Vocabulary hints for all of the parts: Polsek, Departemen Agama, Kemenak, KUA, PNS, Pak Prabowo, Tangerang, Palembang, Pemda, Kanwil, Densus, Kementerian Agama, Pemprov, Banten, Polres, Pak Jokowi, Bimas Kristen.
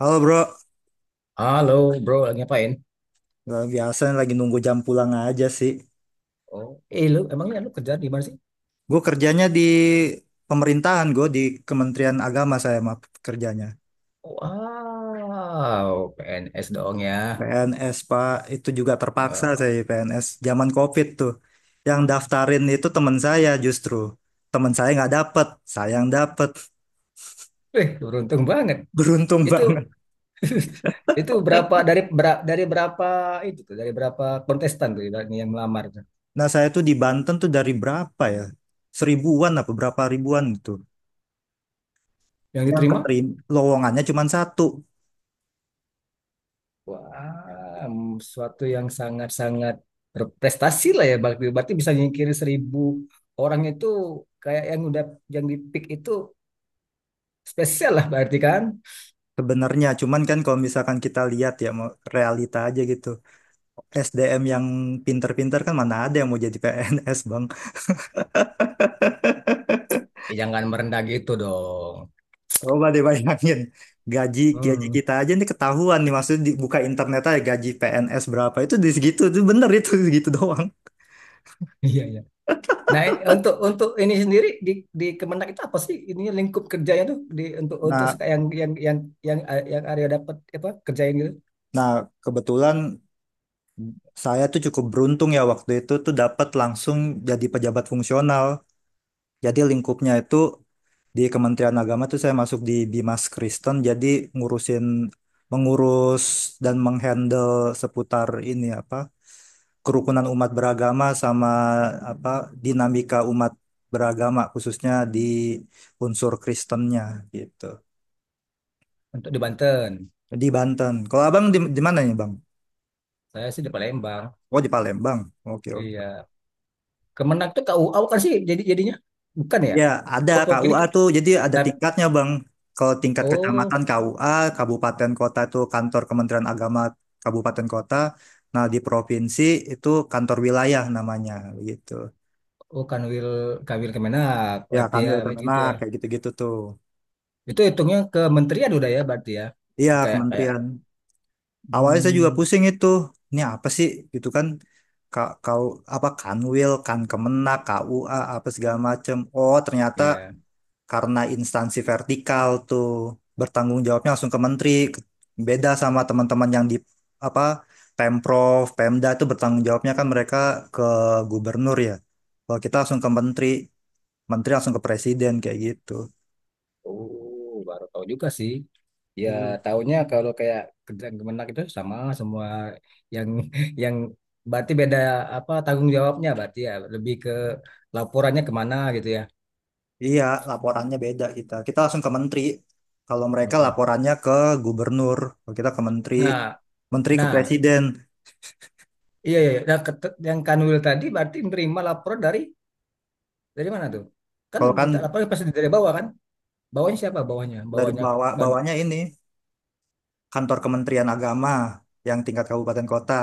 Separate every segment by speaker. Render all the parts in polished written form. Speaker 1: Halo bro,
Speaker 2: Halo, bro, lagi ngapain?
Speaker 1: nggak biasa lagi nunggu jam pulang aja sih.
Speaker 2: Oh, eh lu emangnya kerja di mana sih?
Speaker 1: Gue kerjanya di pemerintahan, gue di Kementerian Agama saya mah kerjanya.
Speaker 2: Wow, PNS dong ya.
Speaker 1: PNS Pak, itu juga terpaksa
Speaker 2: Eh,
Speaker 1: saya PNS zaman COVID tuh. Yang daftarin itu teman saya justru. Teman saya nggak dapet, saya yang dapet.
Speaker 2: beruntung banget.
Speaker 1: Beruntung
Speaker 2: Itu
Speaker 1: banget.
Speaker 2: itu berapa dari berapa itu tuh, dari berapa kontestan tuh yang melamar tuh?
Speaker 1: Nah saya tuh di Banten tuh dari berapa ya? Seribuan apa berapa ribuan itu.
Speaker 2: Yang
Speaker 1: Yang
Speaker 2: diterima?
Speaker 1: keterima, lowongannya cuma satu.
Speaker 2: Wah, suatu yang sangat-sangat berprestasi lah ya. Berarti bisa nyingkirin 1000 orang itu kayak yang di pick itu spesial lah berarti kan?
Speaker 1: Sebenarnya, cuman kan kalau misalkan kita lihat ya, mau realita aja gitu. SDM yang pinter-pinter kan mana ada yang mau jadi PNS, Bang.
Speaker 2: Eh, jangan merendah gitu dong.
Speaker 1: Coba deh bayangin, gaji gaji
Speaker 2: Hmm,
Speaker 1: kita aja nih ketahuan nih, maksudnya dibuka internet aja gaji PNS berapa, itu di segitu, itu bener itu segitu doang.
Speaker 2: iya iya. Nah, untuk ini sendiri di Kemenak itu apa sih ini lingkup kerjanya tuh di untuk
Speaker 1: Nah,
Speaker 2: yang yang Arya dapat apa kerjain gitu
Speaker 1: nah, kebetulan saya tuh cukup beruntung ya waktu itu tuh dapat langsung jadi pejabat fungsional. Jadi lingkupnya itu di Kementerian Agama tuh saya masuk di Bimas Kristen jadi ngurusin mengurus dan menghandle seputar ini apa kerukunan umat beragama sama apa dinamika umat beragama khususnya di unsur Kristennya gitu.
Speaker 2: untuk di Banten.
Speaker 1: Di Banten. Kalau Abang di mana nih, Bang?
Speaker 2: Saya sih di Palembang.
Speaker 1: Oh, di Palembang. Oke, oke.
Speaker 2: Iya. Kemenak tuh KUA bukan sih jadinya bukan ya?
Speaker 1: Ya, ada
Speaker 2: Oh, kok ini
Speaker 1: KUA
Speaker 2: ke-
Speaker 1: tuh. Jadi ada
Speaker 2: tar-
Speaker 1: tingkatnya, Bang. Kalau tingkat
Speaker 2: oh
Speaker 1: kecamatan KUA, kabupaten kota itu kantor Kementerian Agama kabupaten kota. Nah, di provinsi itu kantor wilayah namanya gitu.
Speaker 2: oh Kanwil, Kanwil Kemenak
Speaker 1: Ya,
Speaker 2: berarti ya
Speaker 1: kanwil
Speaker 2: kayak gitu
Speaker 1: Kemenak
Speaker 2: ya.
Speaker 1: kayak gitu-gitu tuh.
Speaker 2: Itu hitungnya kementerian udah ya berarti ya.
Speaker 1: Iya,
Speaker 2: Kayak kayak
Speaker 1: kementerian. Awalnya saya juga
Speaker 2: hmm,
Speaker 1: pusing itu. Ini apa sih gitu kan? Kau apa Kanwil, kan Kemenak, KUA apa segala macem. Oh, ternyata
Speaker 2: iya.
Speaker 1: karena instansi vertikal tuh bertanggung jawabnya langsung ke menteri. Ke- Beda sama teman-teman yang di apa Pemprov Pemda itu bertanggung jawabnya kan mereka ke gubernur ya, kalau kita langsung ke menteri, menteri langsung ke presiden kayak gitu.
Speaker 2: Oh, baru tahu juga sih. Ya,
Speaker 1: Iya,
Speaker 2: taunya kalau kayak kerjaan kemenak itu sama semua yang yang berarti beda apa tanggung jawabnya berarti ya lebih ke laporannya kemana gitu ya.
Speaker 1: iya, laporannya beda kita. Kita langsung ke menteri. Kalau mereka
Speaker 2: Heeh.
Speaker 1: laporannya ke gubernur, kalau kita ke menteri,
Speaker 2: Nah,
Speaker 1: menteri ke
Speaker 2: nah,
Speaker 1: presiden.
Speaker 2: iya, iya, iya. Nah, yang Kanwil tadi berarti menerima laporan dari mana tuh? Kan
Speaker 1: Kalau kan
Speaker 2: minta laporan pasti dari bawah kan? Bawahnya siapa?
Speaker 1: dari
Speaker 2: Bawahnya
Speaker 1: bawah
Speaker 2: kan.
Speaker 1: bawahnya ini kantor Kementerian Agama yang tingkat kabupaten kota.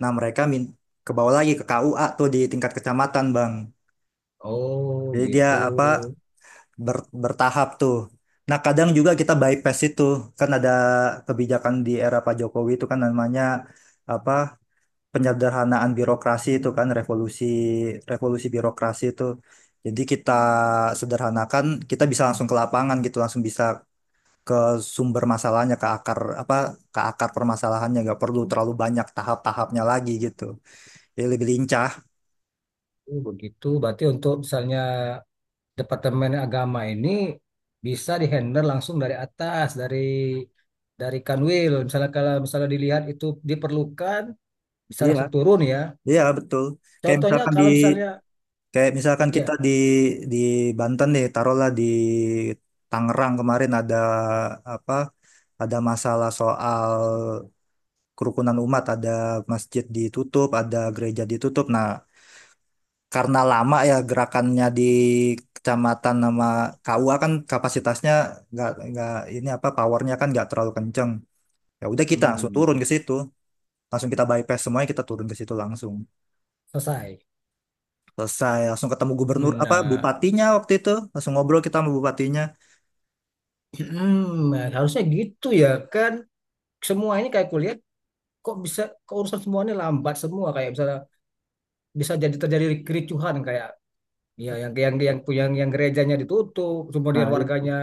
Speaker 1: Nah, mereka ke bawah lagi ke KUA tuh di tingkat kecamatan, Bang.
Speaker 2: Oh,
Speaker 1: Jadi dia
Speaker 2: gitu.
Speaker 1: apa bertahap tuh. Nah, kadang juga kita bypass itu. Kan ada kebijakan di era Pak Jokowi itu kan namanya apa penyederhanaan birokrasi itu, kan revolusi revolusi birokrasi itu. Jadi kita sederhanakan, kita bisa langsung ke lapangan gitu, langsung bisa ke sumber masalahnya ke akar apa ke akar permasalahannya, nggak perlu terlalu banyak tahap-tahapnya lagi gitu, jadi lebih lincah.
Speaker 2: Oh, begitu. Berarti untuk misalnya Departemen Agama ini bisa dihandle langsung dari atas, dari Kanwil. Misalnya kalau misalnya dilihat itu diperlukan, bisa
Speaker 1: Iya,
Speaker 2: langsung turun ya.
Speaker 1: iya, betul. Kayak
Speaker 2: Contohnya
Speaker 1: misalkan di,
Speaker 2: kalau misalnya
Speaker 1: kayak misalkan kita
Speaker 2: ya
Speaker 1: di Banten nih, taruhlah di Tangerang kemarin ada apa ada masalah soal kerukunan umat, ada masjid ditutup ada gereja ditutup. Nah, karena lama ya gerakannya di kecamatan sama KUA, kan kapasitasnya nggak ini apa powernya kan nggak terlalu kenceng, ya udah kita langsung turun ke
Speaker 2: hmm,
Speaker 1: situ, langsung kita bypass semuanya, kita turun ke situ langsung
Speaker 2: selesai.
Speaker 1: selesai, langsung ketemu gubernur apa
Speaker 2: Nah,
Speaker 1: bupatinya waktu itu, langsung ngobrol kita sama bupatinya.
Speaker 2: nah, harusnya gitu ya kan. Semuanya kayak kulihat kok bisa keurusan semuanya lambat semua kayak misalnya bisa jadi terjadi kericuhan kayak iya, yang gerejanya ditutup, kemudian
Speaker 1: Nah itu.
Speaker 2: warganya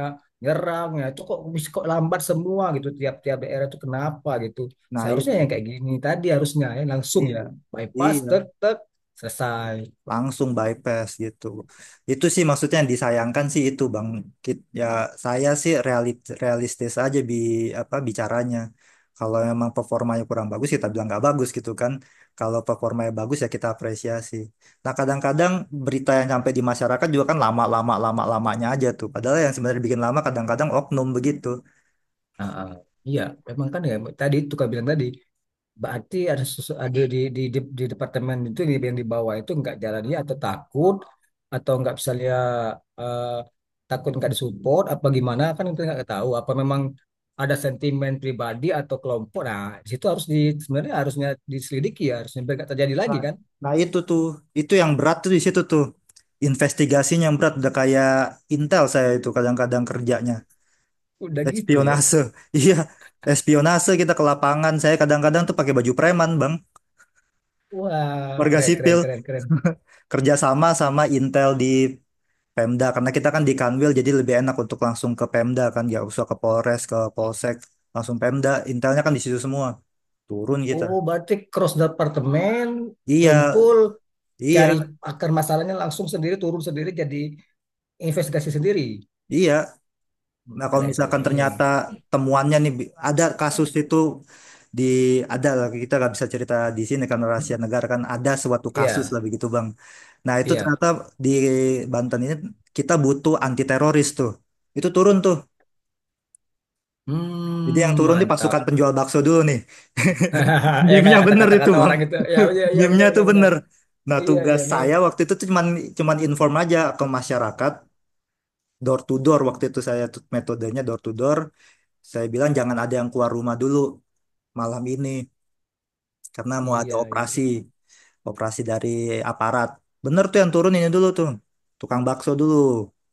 Speaker 2: nyerang ya. Itu kok bisa kok lambat semua gitu tiap-tiap daerah itu kenapa gitu.
Speaker 1: Nah
Speaker 2: Seharusnya yang
Speaker 1: itu.
Speaker 2: kayak gini tadi harusnya ya langsung
Speaker 1: Iya,
Speaker 2: ya. Bypass
Speaker 1: iya,
Speaker 2: tek tek selesai.
Speaker 1: langsung bypass gitu. Itu sih maksudnya yang disayangkan sih itu, Bang. Ya saya sih realistis aja apa bicaranya. Kalau memang performanya kurang bagus, kita bilang nggak bagus gitu kan. Kalau performanya bagus, ya kita apresiasi. Nah kadang-kadang berita yang sampai di masyarakat juga kan lama-lamanya aja tuh. Padahal yang sebenarnya bikin lama kadang-kadang oknum begitu.
Speaker 2: Ah, ah. Iya, memang kan ya tadi itu kan bilang tadi. Berarti ada ada di departemen itu yang di bawah itu nggak jalannya atau takut atau nggak bisa lihat, eh, takut nggak disupport apa gimana kan itu nggak tahu apa memang ada sentimen pribadi atau kelompok, nah di situ harus sebenarnya harusnya diselidiki ya harusnya biar nggak terjadi lagi
Speaker 1: Nah,
Speaker 2: kan
Speaker 1: nah, itu tuh, itu yang berat tuh di situ tuh, investigasinya yang berat udah kayak intel. Saya itu kadang-kadang kerjanya
Speaker 2: udah gitu ya.
Speaker 1: espionase. Iya, espionase kita ke lapangan. Saya kadang-kadang tuh pakai baju preman, Bang.
Speaker 2: Wah,
Speaker 1: Warga sipil.
Speaker 2: keren keren.
Speaker 1: Kerja sama sama Intel di Pemda, karena kita kan di Kanwil jadi lebih enak untuk langsung ke Pemda kan, ya usah ke Polres, ke Polsek, langsung Pemda. Intelnya kan di situ semua. Turun kita.
Speaker 2: Oh, berarti cross departemen
Speaker 1: Iya,
Speaker 2: kumpul
Speaker 1: iya,
Speaker 2: cari akar masalahnya langsung sendiri turun sendiri jadi investigasi sendiri.
Speaker 1: iya. Nah,
Speaker 2: Wah,
Speaker 1: kalau
Speaker 2: keren keren.
Speaker 1: misalkan
Speaker 2: Nah, ini.
Speaker 1: ternyata temuannya nih ada kasus itu di ada lah, kita nggak bisa cerita di sini karena
Speaker 2: Hmm,
Speaker 1: rahasia negara, kan ada suatu kasus lah
Speaker 2: Iya
Speaker 1: begitu, Bang. Nah, itu
Speaker 2: iya.
Speaker 1: ternyata di Banten ini kita butuh anti teroris tuh. Itu turun tuh. Jadi yang
Speaker 2: Hmm,
Speaker 1: turun di pasukan
Speaker 2: mantap.
Speaker 1: penjual bakso dulu nih.
Speaker 2: Ya
Speaker 1: Meme-nya
Speaker 2: kayak
Speaker 1: bener itu,
Speaker 2: kata
Speaker 1: Bang.
Speaker 2: orang itu. Ya iya iya benar
Speaker 1: Meme-nya tuh
Speaker 2: benar benar.
Speaker 1: bener. Nah,
Speaker 2: Iya iya
Speaker 1: tugas
Speaker 2: mim.
Speaker 1: saya waktu itu tuh cuman cuman inform aja ke masyarakat door to door. Waktu itu saya tuh metodenya door to door. Saya bilang jangan ada yang keluar rumah dulu malam ini karena mau ada
Speaker 2: Iya
Speaker 1: operasi,
Speaker 2: iya
Speaker 1: operasi dari aparat. Bener tuh, yang turun ini dulu tuh tukang bakso dulu,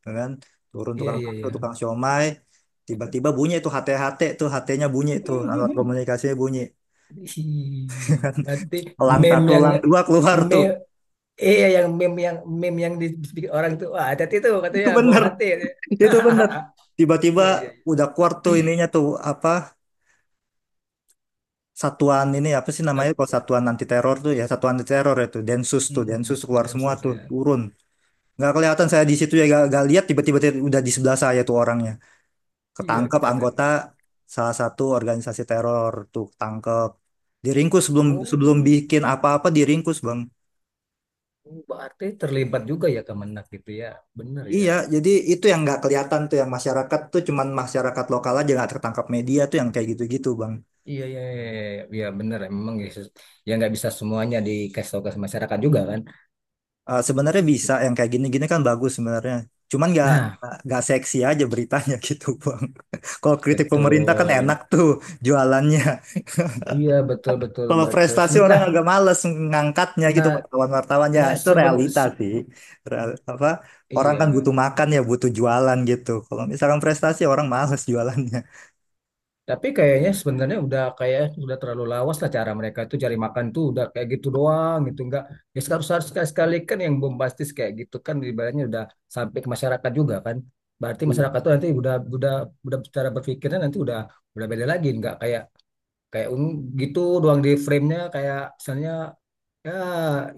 Speaker 1: ya kan, turun
Speaker 2: iya
Speaker 1: tukang
Speaker 2: iya
Speaker 1: bakso
Speaker 2: iya.
Speaker 1: tukang siomay, tiba-tiba bunyi tuh HT-HT tuh, HT-nya bunyi tuh, alat komunikasinya bunyi.
Speaker 2: Ih, berarti
Speaker 1: Elang
Speaker 2: meme
Speaker 1: satu
Speaker 2: yang
Speaker 1: elang dua keluar
Speaker 2: meme
Speaker 1: tuh.
Speaker 2: iya yang meme yang dibikin orang itu, wah hati-hati tuh
Speaker 1: Itu
Speaker 2: katanya bawa
Speaker 1: bener,
Speaker 2: hati.
Speaker 1: itu bener. Tiba-tiba
Speaker 2: Iya iya iya.
Speaker 1: udah keluar tuh ininya tuh, apa satuan ini apa sih namanya, kalau
Speaker 2: Hat-
Speaker 1: satuan anti teror tuh, ya satuan anti teror itu Densus tuh.
Speaker 2: Mm-mm.
Speaker 1: Densus keluar
Speaker 2: Dan
Speaker 1: semua tuh,
Speaker 2: sosial.
Speaker 1: turun. Nggak kelihatan saya di situ ya, gak, nggak lihat. Tiba-tiba dia udah di sebelah saya tuh orangnya,
Speaker 2: Iya
Speaker 1: ketangkep anggota
Speaker 2: keren.
Speaker 1: salah satu organisasi teror tuh ketangkep, diringkus sebelum sebelum
Speaker 2: Oh.
Speaker 1: bikin apa-apa, diringkus bang.
Speaker 2: Oh, berarti terlibat juga ya Kemenak gitu ya. Bener ya.
Speaker 1: Iya, jadi itu yang nggak kelihatan tuh, yang masyarakat tuh cuman masyarakat lokal aja, nggak tertangkap media tuh yang kayak gitu-gitu, bang.
Speaker 2: Iya, iya, iya, iya, iya. Iya, bener ya. Memang ya, ya nggak bisa semuanya dikasih tahu ke masyarakat juga kan.
Speaker 1: Eh, sebenarnya bisa, yang kayak gini-gini kan bagus sebenarnya, cuman nggak
Speaker 2: Nah,
Speaker 1: nggak seksi aja beritanya gitu bang. Kalau kritik pemerintah kan
Speaker 2: betul.
Speaker 1: enak tuh jualannya.
Speaker 2: Iya, betul, betul,
Speaker 1: Kalau
Speaker 2: betul.
Speaker 1: prestasi
Speaker 2: Seben-
Speaker 1: orang
Speaker 2: Nah,
Speaker 1: agak males ngangkatnya gitu
Speaker 2: nah,
Speaker 1: wartawan-wartawannya,
Speaker 2: nah
Speaker 1: itu
Speaker 2: seben,
Speaker 1: realita
Speaker 2: se-
Speaker 1: sih. Real- apa orang kan
Speaker 2: iya.
Speaker 1: butuh makan ya, butuh jualan gitu. Kalau misalkan prestasi orang males jualannya.
Speaker 2: Tapi kayaknya sebenarnya udah kayak udah terlalu lawas lah cara mereka tuh cari makan tuh udah kayak gitu doang gitu nggak. Ya harus harus sekali sekali kan yang bombastis kayak gitu kan ibaratnya udah sampai ke masyarakat juga kan, berarti
Speaker 1: Iya.
Speaker 2: masyarakat tuh nanti udah cara berpikirnya nanti udah beda lagi, nggak kayak kayak gitu doang di frame-nya kayak misalnya ya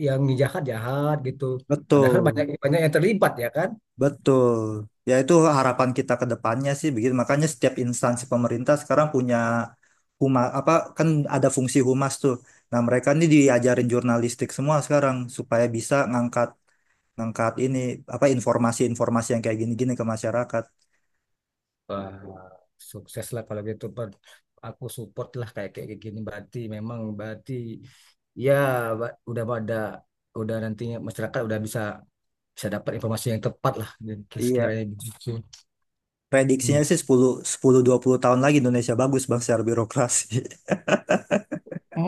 Speaker 2: yang jahat jahat gitu, padahal banyak
Speaker 1: Betul,
Speaker 2: banyak yang terlibat ya kan.
Speaker 1: betul. Ya itu harapan kita ke depannya sih begitu. Makanya setiap instansi pemerintah sekarang punya huma apa kan ada fungsi humas tuh. Nah, mereka ini diajarin jurnalistik semua sekarang supaya bisa ngangkat ngangkat ini apa informasi-informasi yang kayak gini-gini ke masyarakat.
Speaker 2: Wah, sukses lah kalau gitu Bud. Aku support lah kayak kayak kayak gini, berarti memang berarti ya udah pada udah nantinya masyarakat udah bisa bisa dapat informasi yang tepat lah dan
Speaker 1: Iya.
Speaker 2: sekiranya begitu. Hmm.
Speaker 1: Prediksinya sih 10-20 tahun lagi Indonesia bagus, Bang, secara birokrasi.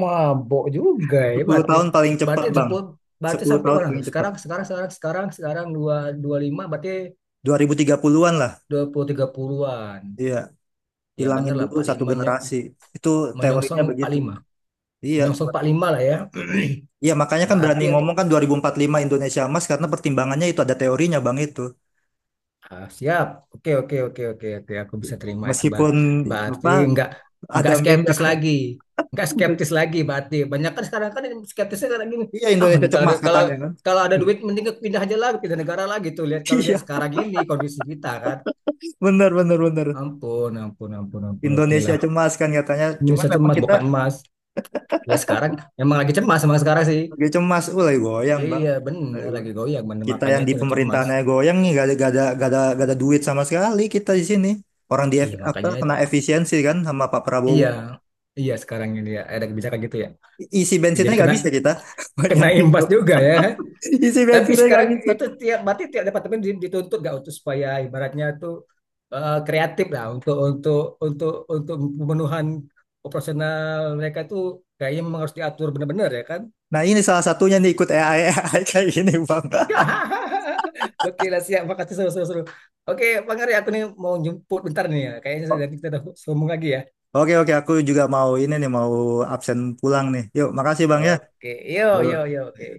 Speaker 2: Mabok juga ya
Speaker 1: 10
Speaker 2: berarti.
Speaker 1: tahun paling cepat,
Speaker 2: berarti
Speaker 1: Bang.
Speaker 2: sepul- Berarti
Speaker 1: sepuluh
Speaker 2: sampai
Speaker 1: tahun
Speaker 2: mana
Speaker 1: paling
Speaker 2: tuh?
Speaker 1: cepat.
Speaker 2: Sekarang sekarang sekarang sekarang sekarang dua dua lima, berarti
Speaker 1: 2030-an lah.
Speaker 2: 2030-an.
Speaker 1: Iya,
Speaker 2: Ya bener
Speaker 1: hilangin
Speaker 2: lah
Speaker 1: dulu satu
Speaker 2: 45
Speaker 1: generasi. Itu teorinya
Speaker 2: menyongsong empat puluh
Speaker 1: begitu.
Speaker 2: lima
Speaker 1: Iya.
Speaker 2: menyongsong 45 lah ya.
Speaker 1: Iya, makanya kan
Speaker 2: Berarti
Speaker 1: berani ngomong kan 2045 Indonesia emas, karena pertimbangannya itu ada teorinya, Bang, itu.
Speaker 2: ah, siap. Oke, oke, oke, oke, oke. aku
Speaker 1: Iya,
Speaker 2: bisa terima itu.
Speaker 1: meskipun
Speaker 2: Berarti
Speaker 1: apa
Speaker 2: nggak
Speaker 1: ada
Speaker 2: nggak
Speaker 1: meme-nya
Speaker 2: skeptis
Speaker 1: kan.
Speaker 2: lagi, nggak skeptis lagi. Berarti banyak kan sekarang kan yang skeptisnya sekarang gini.
Speaker 1: Iya,
Speaker 2: Ah,
Speaker 1: Indonesia
Speaker 2: mending kalau ada,
Speaker 1: cemas
Speaker 2: kalau
Speaker 1: katanya kan.
Speaker 2: kalau ada duit mending pindah aja lah, pindah negara lah gitu. Lihat kalau lihat
Speaker 1: Iya,
Speaker 2: sekarang ini kondisi kita kan.
Speaker 1: benar benar benar.
Speaker 2: Ampun, ampun, ampun, ampun. Oke
Speaker 1: Indonesia
Speaker 2: lah.
Speaker 1: cemas kan katanya.
Speaker 2: Ini
Speaker 1: Cuman
Speaker 2: satu
Speaker 1: memang
Speaker 2: emas
Speaker 1: kita.
Speaker 2: bukan emas. Ya sekarang emang lagi cemas emang sekarang sih.
Speaker 1: Dia cemas, lagi goyang bang.
Speaker 2: Iya
Speaker 1: Lagi
Speaker 2: bener lagi
Speaker 1: goyang.
Speaker 2: goyang bener,
Speaker 1: Kita
Speaker 2: makanya
Speaker 1: yang di
Speaker 2: itu cemas.
Speaker 1: pemerintahannya goyang nih, gak ada, gak ada, gak ada, gak ada duit sama sekali kita di sini. Orang di
Speaker 2: Iya
Speaker 1: F- apa
Speaker 2: makanya
Speaker 1: kena
Speaker 2: itu.
Speaker 1: efisiensi kan sama Pak Prabowo.
Speaker 2: Iya. Iya sekarang ini ya ada kebijakan gitu ya.
Speaker 1: Isi bensinnya
Speaker 2: Jadi
Speaker 1: nggak
Speaker 2: kena
Speaker 1: bisa kita.
Speaker 2: kena
Speaker 1: Bayangin
Speaker 2: imbas
Speaker 1: bro.
Speaker 2: juga ya.
Speaker 1: Isi
Speaker 2: Tapi
Speaker 1: bensinnya nggak
Speaker 2: sekarang
Speaker 1: bisa.
Speaker 2: itu tiap berarti tiap departemen dituntut gak untuk supaya ibaratnya tuh, kreatif lah untuk untuk pemenuhan operasional mereka tuh kayaknya memang harus diatur benar-benar ya kan?
Speaker 1: Nah ini salah satunya nih ikut AI, AI kayak gini bang.
Speaker 2: Oke lah siap, makasih seru-seru. Oke, Bang Ari, aku nih mau jemput bentar nih ya. Kayaknya nanti kita udah sambung lagi ya.
Speaker 1: Oke oke aku juga mau ini nih mau absen pulang nih. Yuk, makasih bang ya.
Speaker 2: Oke, yo yo
Speaker 1: Yuk.
Speaker 2: yo, oke.